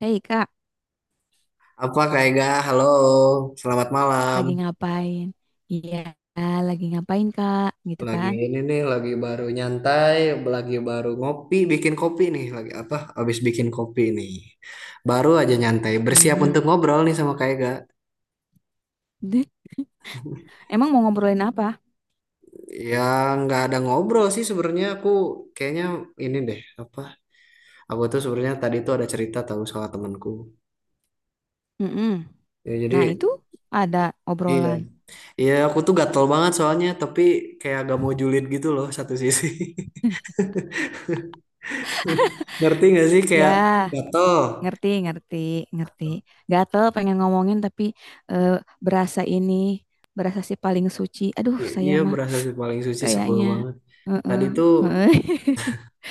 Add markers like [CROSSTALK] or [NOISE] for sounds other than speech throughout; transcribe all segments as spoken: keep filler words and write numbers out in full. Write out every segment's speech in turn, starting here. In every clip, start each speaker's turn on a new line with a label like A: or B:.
A: Hei kak,
B: Apa kayak gak? Halo, selamat malam.
A: lagi ngapain? Iya, lagi ngapain kak? Gitu
B: Lagi
A: kan?
B: ini nih, lagi baru nyantai, lagi baru ngopi, bikin kopi nih. Lagi apa? Habis bikin kopi nih. Baru aja nyantai, bersiap
A: Hmm.
B: untuk ngobrol nih sama kayak gak.
A: [LAUGHS] Deh, emang mau ngobrolin apa?
B: Ya nggak ada ngobrol sih sebenarnya aku kayaknya ini deh apa? Aku tuh sebenarnya tadi tuh ada cerita tahu soal temanku.
A: Mm-mm.
B: Ya jadi
A: Nah itu ada
B: iya.
A: obrolan.
B: Iya, aku tuh gatel banget soalnya, tapi kayak agak mau julid gitu loh satu sisi.
A: [LAUGHS]
B: [LAUGHS] Ngerti gak sih kayak
A: Ya,
B: gatel?
A: ngerti, ngerti, ngerti. Gatel pengen ngomongin tapi eh, berasa ini, berasa si paling suci. Aduh,
B: Iya,
A: saya
B: iya,
A: mah
B: berasa sih paling suci sebel
A: kayaknya.
B: banget.
A: Heeh,
B: Tadi tuh,
A: heeh. [LAUGHS]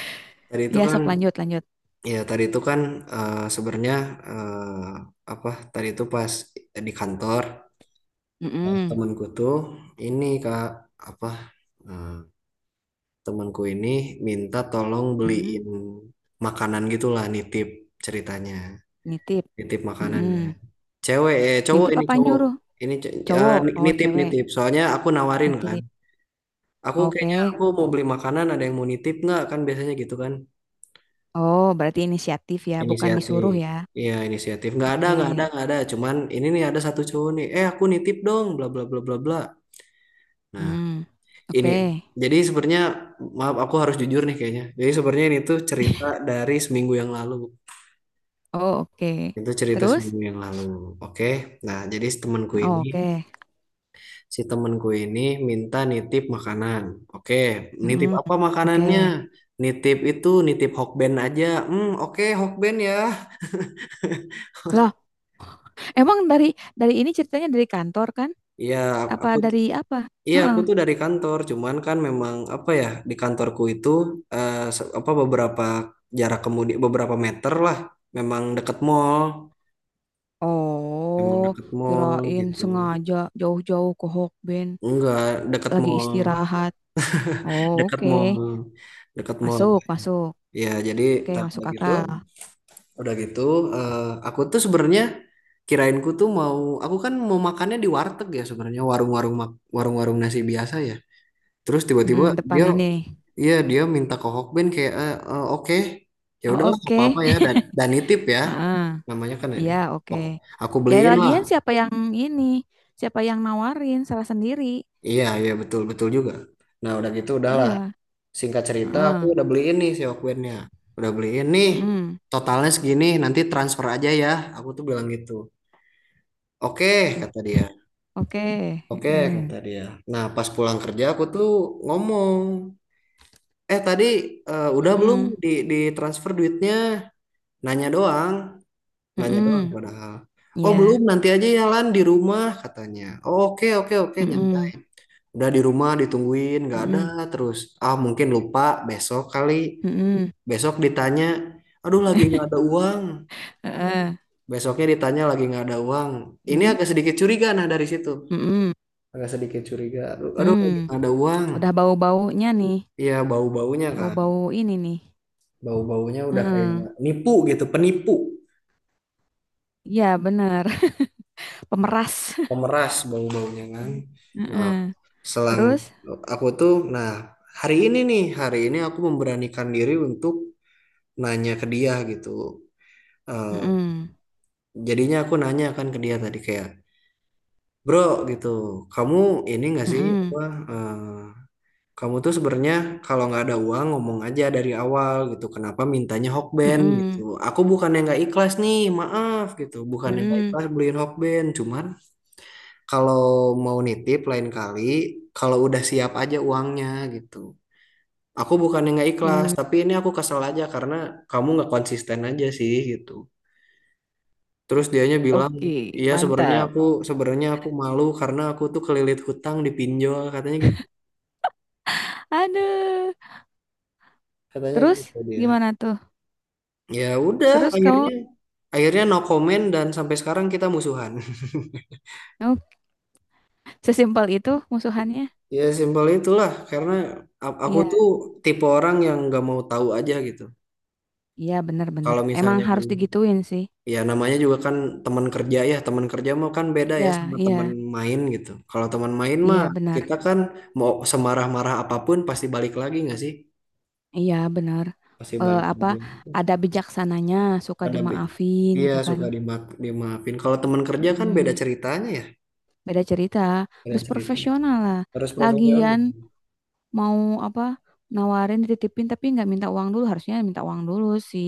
B: tadi itu
A: Ya,
B: kan,
A: sok lanjut, lanjut.
B: ya tadi itu kan eh, sebenarnya eh, apa? Tadi itu pas di kantor eh,
A: Mm-mm,
B: temanku tuh ini kak apa? eh, Temanku ini minta tolong
A: mm-mm.
B: beliin makanan gitulah, nitip ceritanya,
A: Nitip.
B: nitip makanannya.
A: Mm-mm.
B: Cewek, eh, cowok
A: Nitip
B: ini
A: apa
B: cowok
A: nyuruh?
B: ini ce- eh,
A: Cowok, oh
B: nitip
A: cewek.
B: nitip. Soalnya aku nawarin kan.
A: Nitip.
B: Aku kayaknya
A: Oke.
B: aku mau
A: Oh,
B: beli makanan, ada yang mau nitip nggak? Kan biasanya gitu kan.
A: oh, berarti inisiatif ya, bukan
B: Inisiatif.
A: disuruh ya.
B: Iya, inisiatif. Nggak ada, nggak ada,
A: Oke.
B: nggak ada. Cuman ini nih ada satu cowok nih. Eh, aku nitip dong, bla bla bla bla bla. Nah,
A: Hmm.
B: ini
A: Oke.
B: jadi sebenarnya maaf aku harus jujur nih kayaknya. Jadi sebenarnya ini tuh cerita dari seminggu yang lalu.
A: Oh, oke.
B: Itu cerita
A: Terus?
B: seminggu yang lalu. Oke. Nah, jadi temanku ini
A: Oh, oke.
B: si temenku ini minta nitip makanan. Oke, nitip
A: Hmm.
B: apa makanannya?
A: Oke.
B: Nitip itu, nitip Hokben aja. Hmm, oke Hokben ya.
A: Loh, emang dari dari ini ceritanya dari kantor kan?
B: Iya, aku
A: Apa dari apa?
B: iya aku
A: Heeh.
B: tuh dari kantor, cuman kan memang apa ya di kantorku itu eh, se- apa beberapa jarak kemudian beberapa meter lah, memang deket mall, memang
A: Oh,
B: deket mall
A: kirain
B: gitu.
A: sengaja jauh-jauh ke Hokben
B: Enggak, deket
A: lagi
B: mall,
A: istirahat. Oh,
B: deket
A: oke.
B: mall, deket mall.
A: Masuk, masuk.
B: Ya, jadi
A: Oke,
B: tak
A: masuk
B: begitu.
A: akal.
B: Udah gitu, eh, aku tuh sebenarnya kirainku tuh mau, aku kan mau makannya di warteg ya sebenarnya warung-warung mak- warung-warung nasi biasa ya. Terus tiba-tiba
A: Mm-mm, depan
B: dia,
A: ini.
B: iya dia minta ke Hokben kayak, eh, eh, oke, ya
A: Oh,
B: udahlah nggak
A: oke.
B: apa-apa ya dan dan nitip ya,
A: [LAUGHS] Heeh.
B: namanya kan ini.
A: Iya, oke.
B: Hok- Aku
A: Ya
B: beliin lah.
A: lagian siapa yang ini? Siapa yang nawarin salah sendiri?
B: Iya iya betul betul juga. Nah udah gitu udahlah.
A: Iya.
B: Singkat cerita aku
A: Heeh.
B: udah beliin nih si Hokbennya. Udah beliin nih.
A: Mm-mm.
B: Totalnya segini, nanti transfer aja ya. Aku tuh bilang gitu. Oke, kata dia.
A: Oke.
B: Oke,
A: Heeh.
B: kata dia. Nah, pas pulang kerja aku tuh ngomong, eh tadi eh, udah belum
A: Mm-mm.
B: di, di transfer duitnya? Nanya doang, nanya doang
A: Mm-mm.
B: padahal. Oh belum,
A: Ya.
B: nanti aja ya Lan di rumah katanya. Oh, oke oke oke nyantai.
A: Mm-mm.
B: Udah di rumah ditungguin nggak ada
A: Mm-mm.
B: terus. Ah mungkin lupa besok kali.
A: Mm-mm.
B: Besok ditanya, aduh lagi nggak ada uang.
A: Heeh.
B: Besoknya ditanya lagi nggak ada uang. Ini
A: Mm.
B: agak sedikit curiga nah dari situ.
A: Mm-mm.
B: Agak sedikit curiga. Aduh, aduh lagi
A: Mm.
B: nggak ada uang.
A: Udah bau-baunya nih.
B: Iya bau-baunya kan,
A: Bau-bau ini nih.
B: bau-baunya udah kayak
A: Heeh.
B: nipu gitu, penipu,
A: Iya, bener. [LAUGHS] Pemeras.
B: pemeras bau-baunya kan.
A: [LAUGHS]
B: Nah,
A: Heeh.
B: selang
A: Terus?
B: aku tuh, nah hari ini nih, hari ini aku memberanikan diri untuk nanya ke dia gitu. Eh,
A: Mm-mm.
B: jadinya aku nanya kan ke dia tadi kayak, bro gitu, kamu ini nggak sih apa
A: Mm-mm.
B: eh, kamu tuh sebenarnya kalau nggak ada uang ngomong aja dari awal gitu. Kenapa mintanya Hokben gitu?
A: Mm-mm.
B: Aku bukannya nggak ikhlas nih, maaf gitu. Bukannya nggak
A: Mm-mm.
B: ikhlas beliin Hokben, cuman kalau mau nitip lain kali kalau udah siap aja uangnya gitu. Aku bukannya nggak ikhlas,
A: Mm.
B: tapi ini aku kesel aja karena kamu nggak konsisten aja sih gitu. Terus dianya bilang,
A: Oke,
B: iya sebenarnya
A: mantap.
B: aku sebenarnya aku malu karena aku tuh kelilit hutang di pinjol katanya gitu.
A: Aduh.
B: Katanya
A: Terus
B: gitu dia.
A: gimana tuh?
B: Ya udah,
A: Terus
B: akhirnya
A: kamu,
B: akhirnya no comment dan sampai sekarang kita musuhan. [LAUGHS]
A: kamu sesimpel itu musuhannya?
B: Ya simpel itulah, karena a- aku tuh
A: Iya,
B: tipe orang yang nggak mau tahu aja gitu.
A: iya benar-benar.
B: Kalau
A: Emang
B: misalnya
A: harus digituin sih.
B: ya namanya juga kan teman kerja ya, teman kerja mah kan beda ya
A: Iya,
B: sama teman
A: iya,
B: main gitu. Kalau teman main mah
A: iya benar.
B: kita kan mau semarah-marah apapun pasti balik lagi nggak sih?
A: Iya benar.
B: Pasti
A: Eh,
B: balik
A: apa
B: lagi.
A: ada bijaksananya, suka
B: Ada be-
A: dimaafin
B: Iya
A: gitu kan?
B: suka dimaaf dimaafin. Kalau teman kerja kan beda
A: Mm,
B: ceritanya ya,
A: beda cerita.
B: beda
A: Harus
B: cerita.
A: profesional lah.
B: Harus profesional.
A: Lagian mau apa? Nawarin dititipin tapi nggak minta uang dulu. Harusnya minta uang dulu sih.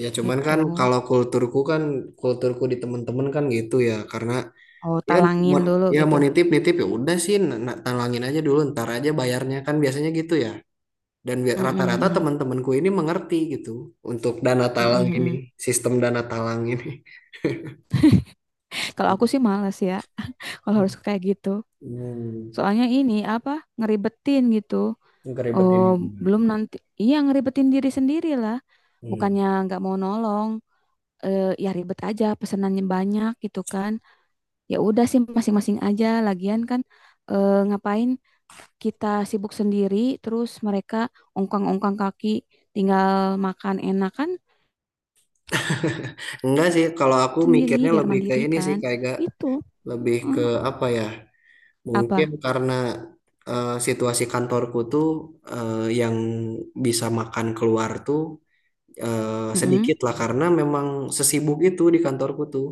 B: Ya cuman
A: Gitu.
B: kan kalau kulturku kan kulturku di temen-temen kan gitu ya karena
A: Oh,
B: ya kan
A: talangin
B: mau,
A: dulu
B: ya
A: gitu.
B: mau nitip nitip ya udah sih na- na- talangin aja dulu ntar aja bayarnya kan biasanya gitu ya dan bi-
A: Mhm
B: rata-rata
A: mhm.
B: temen-temenku ini mengerti gitu untuk dana
A: Mhm
B: talang ini
A: mhm.
B: sistem dana talang ini
A: Kalau aku sih males ya, [LAUGHS] kalau harus kayak gitu.
B: hmm,
A: Soalnya ini apa, ngeribetin gitu. Oh,
B: keribetin
A: belum nanti, iya ngeribetin diri sendiri lah.
B: hmm.
A: Bukannya nggak mau nolong, eh, ya ribet aja, pesenannya banyak gitu kan. Ya udah sih masing-masing aja. Lagian kan eh, ngapain kita sibuk sendiri, terus mereka ongkang-ongkang kaki, tinggal makan enak kan
B: Enggak sih kalau aku
A: sendiri
B: mikirnya
A: biar
B: lebih ke
A: mandiri
B: ini sih
A: kan.
B: kayak gak
A: Itu.
B: lebih ke
A: Mm,
B: apa ya mungkin
A: apa?
B: karena eh, situasi kantorku tuh eh, yang bisa makan keluar tuh eh,
A: Mm-mm.
B: sedikit lah karena memang sesibuk itu di kantorku tuh.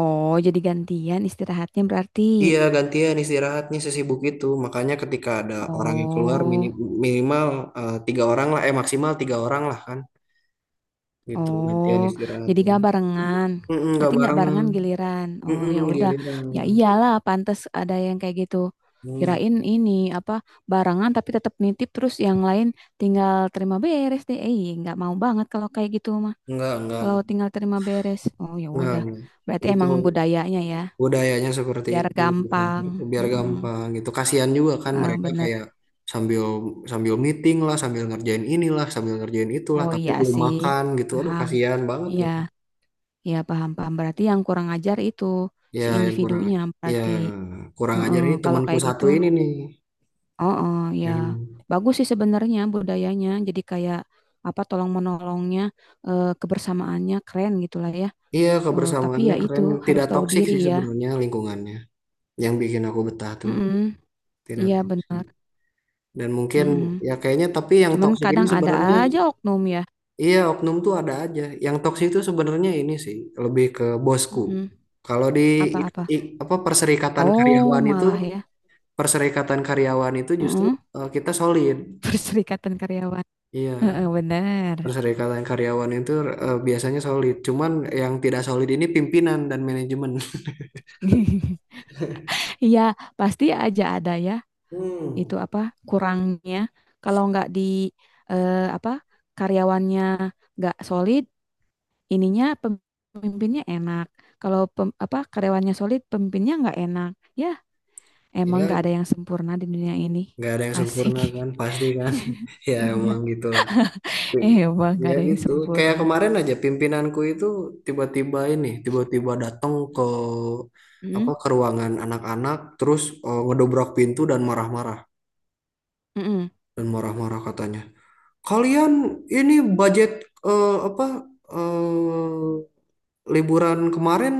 A: Oh, jadi gantian istirahatnya berarti.
B: Iya gantian istirahatnya sesibuk itu makanya ketika ada orang yang keluar mini
A: Oh,
B: minimal eh, tiga orang lah eh maksimal tiga orang lah kan gitu
A: oh,
B: gantian
A: jadi
B: istirahatnya.
A: gak barengan.
B: Mm-mm, nggak
A: Berarti nggak
B: barengan.
A: barengan giliran. Oh,
B: Mm-mm,
A: ya udah.
B: giliran.
A: Ya iyalah, pantas ada yang kayak gitu.
B: Hmm,
A: Kirain ini apa barengan tapi tetap nitip terus yang lain tinggal terima beres deh. Eh, iya, nggak mau banget kalau kayak gitu mah.
B: enggak, enggak,
A: Kalau tinggal terima beres. Oh, ya
B: enggak,
A: udah.
B: enggak.
A: Berarti
B: Itu
A: emang budayanya ya,
B: budayanya seperti
A: biar
B: itu di
A: gampang.
B: kantorku, biar
A: Mm-mm.
B: gampang gitu kasihan juga kan
A: Eh,
B: mereka
A: bener.
B: kayak sambil sambil meeting lah sambil ngerjain inilah sambil ngerjain itulah
A: Oh
B: tapi
A: iya
B: belum
A: sih,
B: makan gitu aduh
A: paham.
B: kasihan banget
A: Iya,
B: gitu
A: ya paham-paham. Berarti yang kurang ajar itu
B: ya
A: si
B: yang kurang
A: individunya.
B: ya
A: Berarti
B: kurang ajar
A: heeh,
B: ini
A: kalau
B: temanku
A: kayak gitu,
B: satu ini nih
A: oh oh, ya
B: yang
A: bagus sih sebenarnya budayanya. Jadi kayak apa tolong menolongnya, eh, kebersamaannya keren gitulah ya.
B: iya
A: Eh, tapi
B: kebersamaannya
A: ya itu
B: keren
A: harus
B: tidak
A: tahu
B: toksik
A: diri
B: sih
A: ya.
B: sebenarnya lingkungannya yang bikin aku betah tuh
A: Mm-mm,
B: tidak
A: iya
B: toksik
A: benar.
B: dan mungkin
A: Mm-mm.
B: ya kayaknya tapi yang
A: Cuman
B: toksik ini
A: kadang ada
B: sebenarnya.
A: aja oknum ya.
B: Iya, oknum tuh ada aja. Yang toksik itu sebenarnya ini sih lebih ke bosku.
A: Mm-mm.
B: Kalau di ik-
A: Apa-apa?
B: ik- apa perserikatan
A: Oh
B: karyawan itu
A: malah ya.
B: perserikatan karyawan itu justru
A: Mm-mm.
B: eh, kita solid.
A: [LAUGHS] Perserikatan karyawan.
B: Iya,
A: Heeh, benar.
B: perserikatan karyawan itu eh, biasanya solid. Cuman yang tidak solid ini pimpinan dan manajemen. [LAUGHS]
A: [LAUGHS] Iya, pasti aja ada ya
B: Hmm.
A: itu apa kurangnya. Kalau nggak di eh, apa karyawannya nggak solid, ininya pemimpinnya enak. Kalau pem- apa karyawannya solid, pemimpinnya nggak enak. Ya, emang
B: Ya,
A: nggak ada yang sempurna di dunia ini.
B: nggak ada yang
A: Asik.
B: sempurna kan, pasti kan.
A: [LAUGHS]
B: [LAUGHS] Ya
A: Iya,
B: emang gitu.
A: emang nggak
B: Ya
A: ada yang
B: gitu. Kayak
A: sempurna.
B: kemarin aja pimpinanku itu tiba-tiba ini, tiba-tiba datang ke apa
A: Mm,
B: ke ruangan anak-anak, terus eh, ngedobrak pintu dan marah-marah
A: mm, mm,
B: dan marah-marah katanya. Kalian ini budget eh, apa eh, liburan kemarin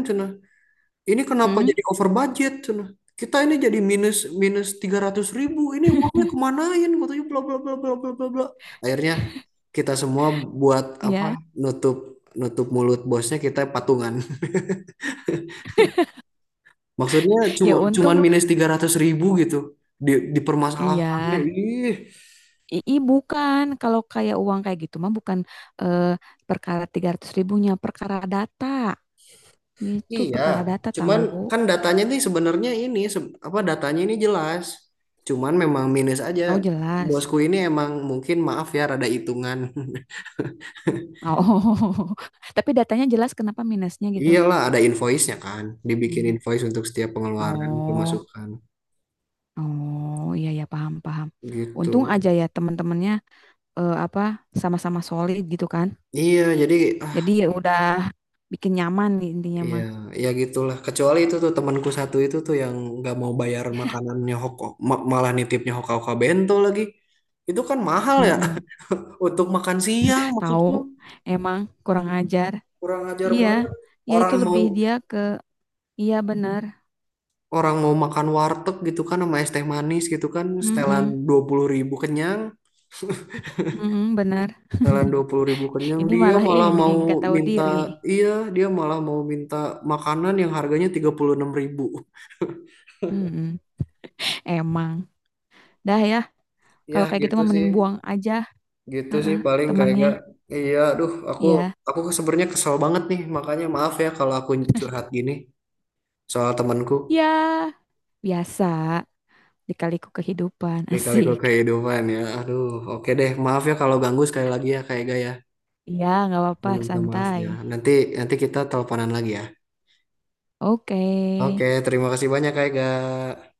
B: ini kenapa
A: mm,
B: jadi over budget? Cenah. Kita ini jadi minus minus tiga ratus ribu. Ini uangnya kemanain? Katanya bla bla bla bla bla bla bla. Akhirnya kita semua buat
A: iya,
B: apa? Nutup nutup mulut bosnya kita patungan. [LAUGHS] Maksudnya cuma
A: ya
B: cuman
A: untung
B: minus tiga ratus ribu gitu. Di,
A: iya.
B: dipermasalahkannya. Ih,
A: I, i- bukan kalau kayak uang kayak gitu mah bukan eh, perkara tiga ratus ribunya perkara data gitu
B: iya.
A: perkara data
B: Cuman
A: tahu.
B: kan datanya nih sebenarnya ini se- apa datanya ini jelas. Cuman memang minus aja.
A: Oh jelas.
B: Bosku ini emang mungkin maaf ya rada hitungan. [LAUGHS]
A: Oh, [LAUGHS] tapi datanya jelas kenapa minusnya gitu.
B: Iyalah ada invoice-nya kan, dibikin
A: Hmm.
B: invoice untuk setiap pengeluaran, oh,
A: Oh
B: pemasukan
A: oh iya ya paham paham.
B: gitu.
A: Untung aja ya teman-temannya eh, apa sama-sama solid gitu kan,
B: Iya, jadi ah
A: jadi ya udah bikin nyaman nih intinya
B: iya,
A: mah.
B: ya gitulah. Kecuali itu tuh temanku satu itu tuh yang nggak mau bayar makanannya Hoko, ma- malah nitipnya Hoka-Hoka Bento lagi. Itu kan mahal ya
A: Mm-mm.
B: [LAUGHS] untuk makan siang
A: Tahu
B: maksudku.
A: emang kurang ajar
B: Kurang ajar
A: iya
B: banget.
A: ya
B: Orang
A: itu
B: mau
A: lebih dia ke iya benar.
B: orang mau makan warteg gitu kan sama es teh manis gitu kan setelan
A: Mm-mm.
B: dua puluh ribu kenyang.
A: Mm-mm, benar.
B: Sekalian dua
A: [LAUGHS]
B: puluh ribu kenyang,
A: Ini
B: dia
A: malah
B: malah
A: ini
B: mau
A: nggak tahu
B: minta,
A: diri.
B: iya, dia malah mau minta makanan yang harganya tiga puluh enam ribu.
A: Mm-mm. Emang. Dah ya,
B: Ya
A: kalau kayak gitu
B: gitu
A: mah
B: sih,
A: mending buang aja.
B: gitu sih
A: Heeh,
B: paling kayak gak.
A: temannya.
B: Iya, aduh, aku
A: Ya,
B: aku sebenarnya kesel banget nih, makanya maaf ya kalau aku curhat gini soal temanku
A: ya biasa dikaliku kehidupan [LAUGHS]
B: lika-liku
A: asik.
B: kehidupan ya. Aduh, oke deh, maaf ya kalau ganggu sekali lagi ya kayak gak ya.
A: Ya, nggak apa-apa,
B: Meminta maaf
A: santai.
B: ya. Nanti nanti kita teleponan lagi ya.
A: Oke.
B: Oke, terima kasih banyak kayak gak.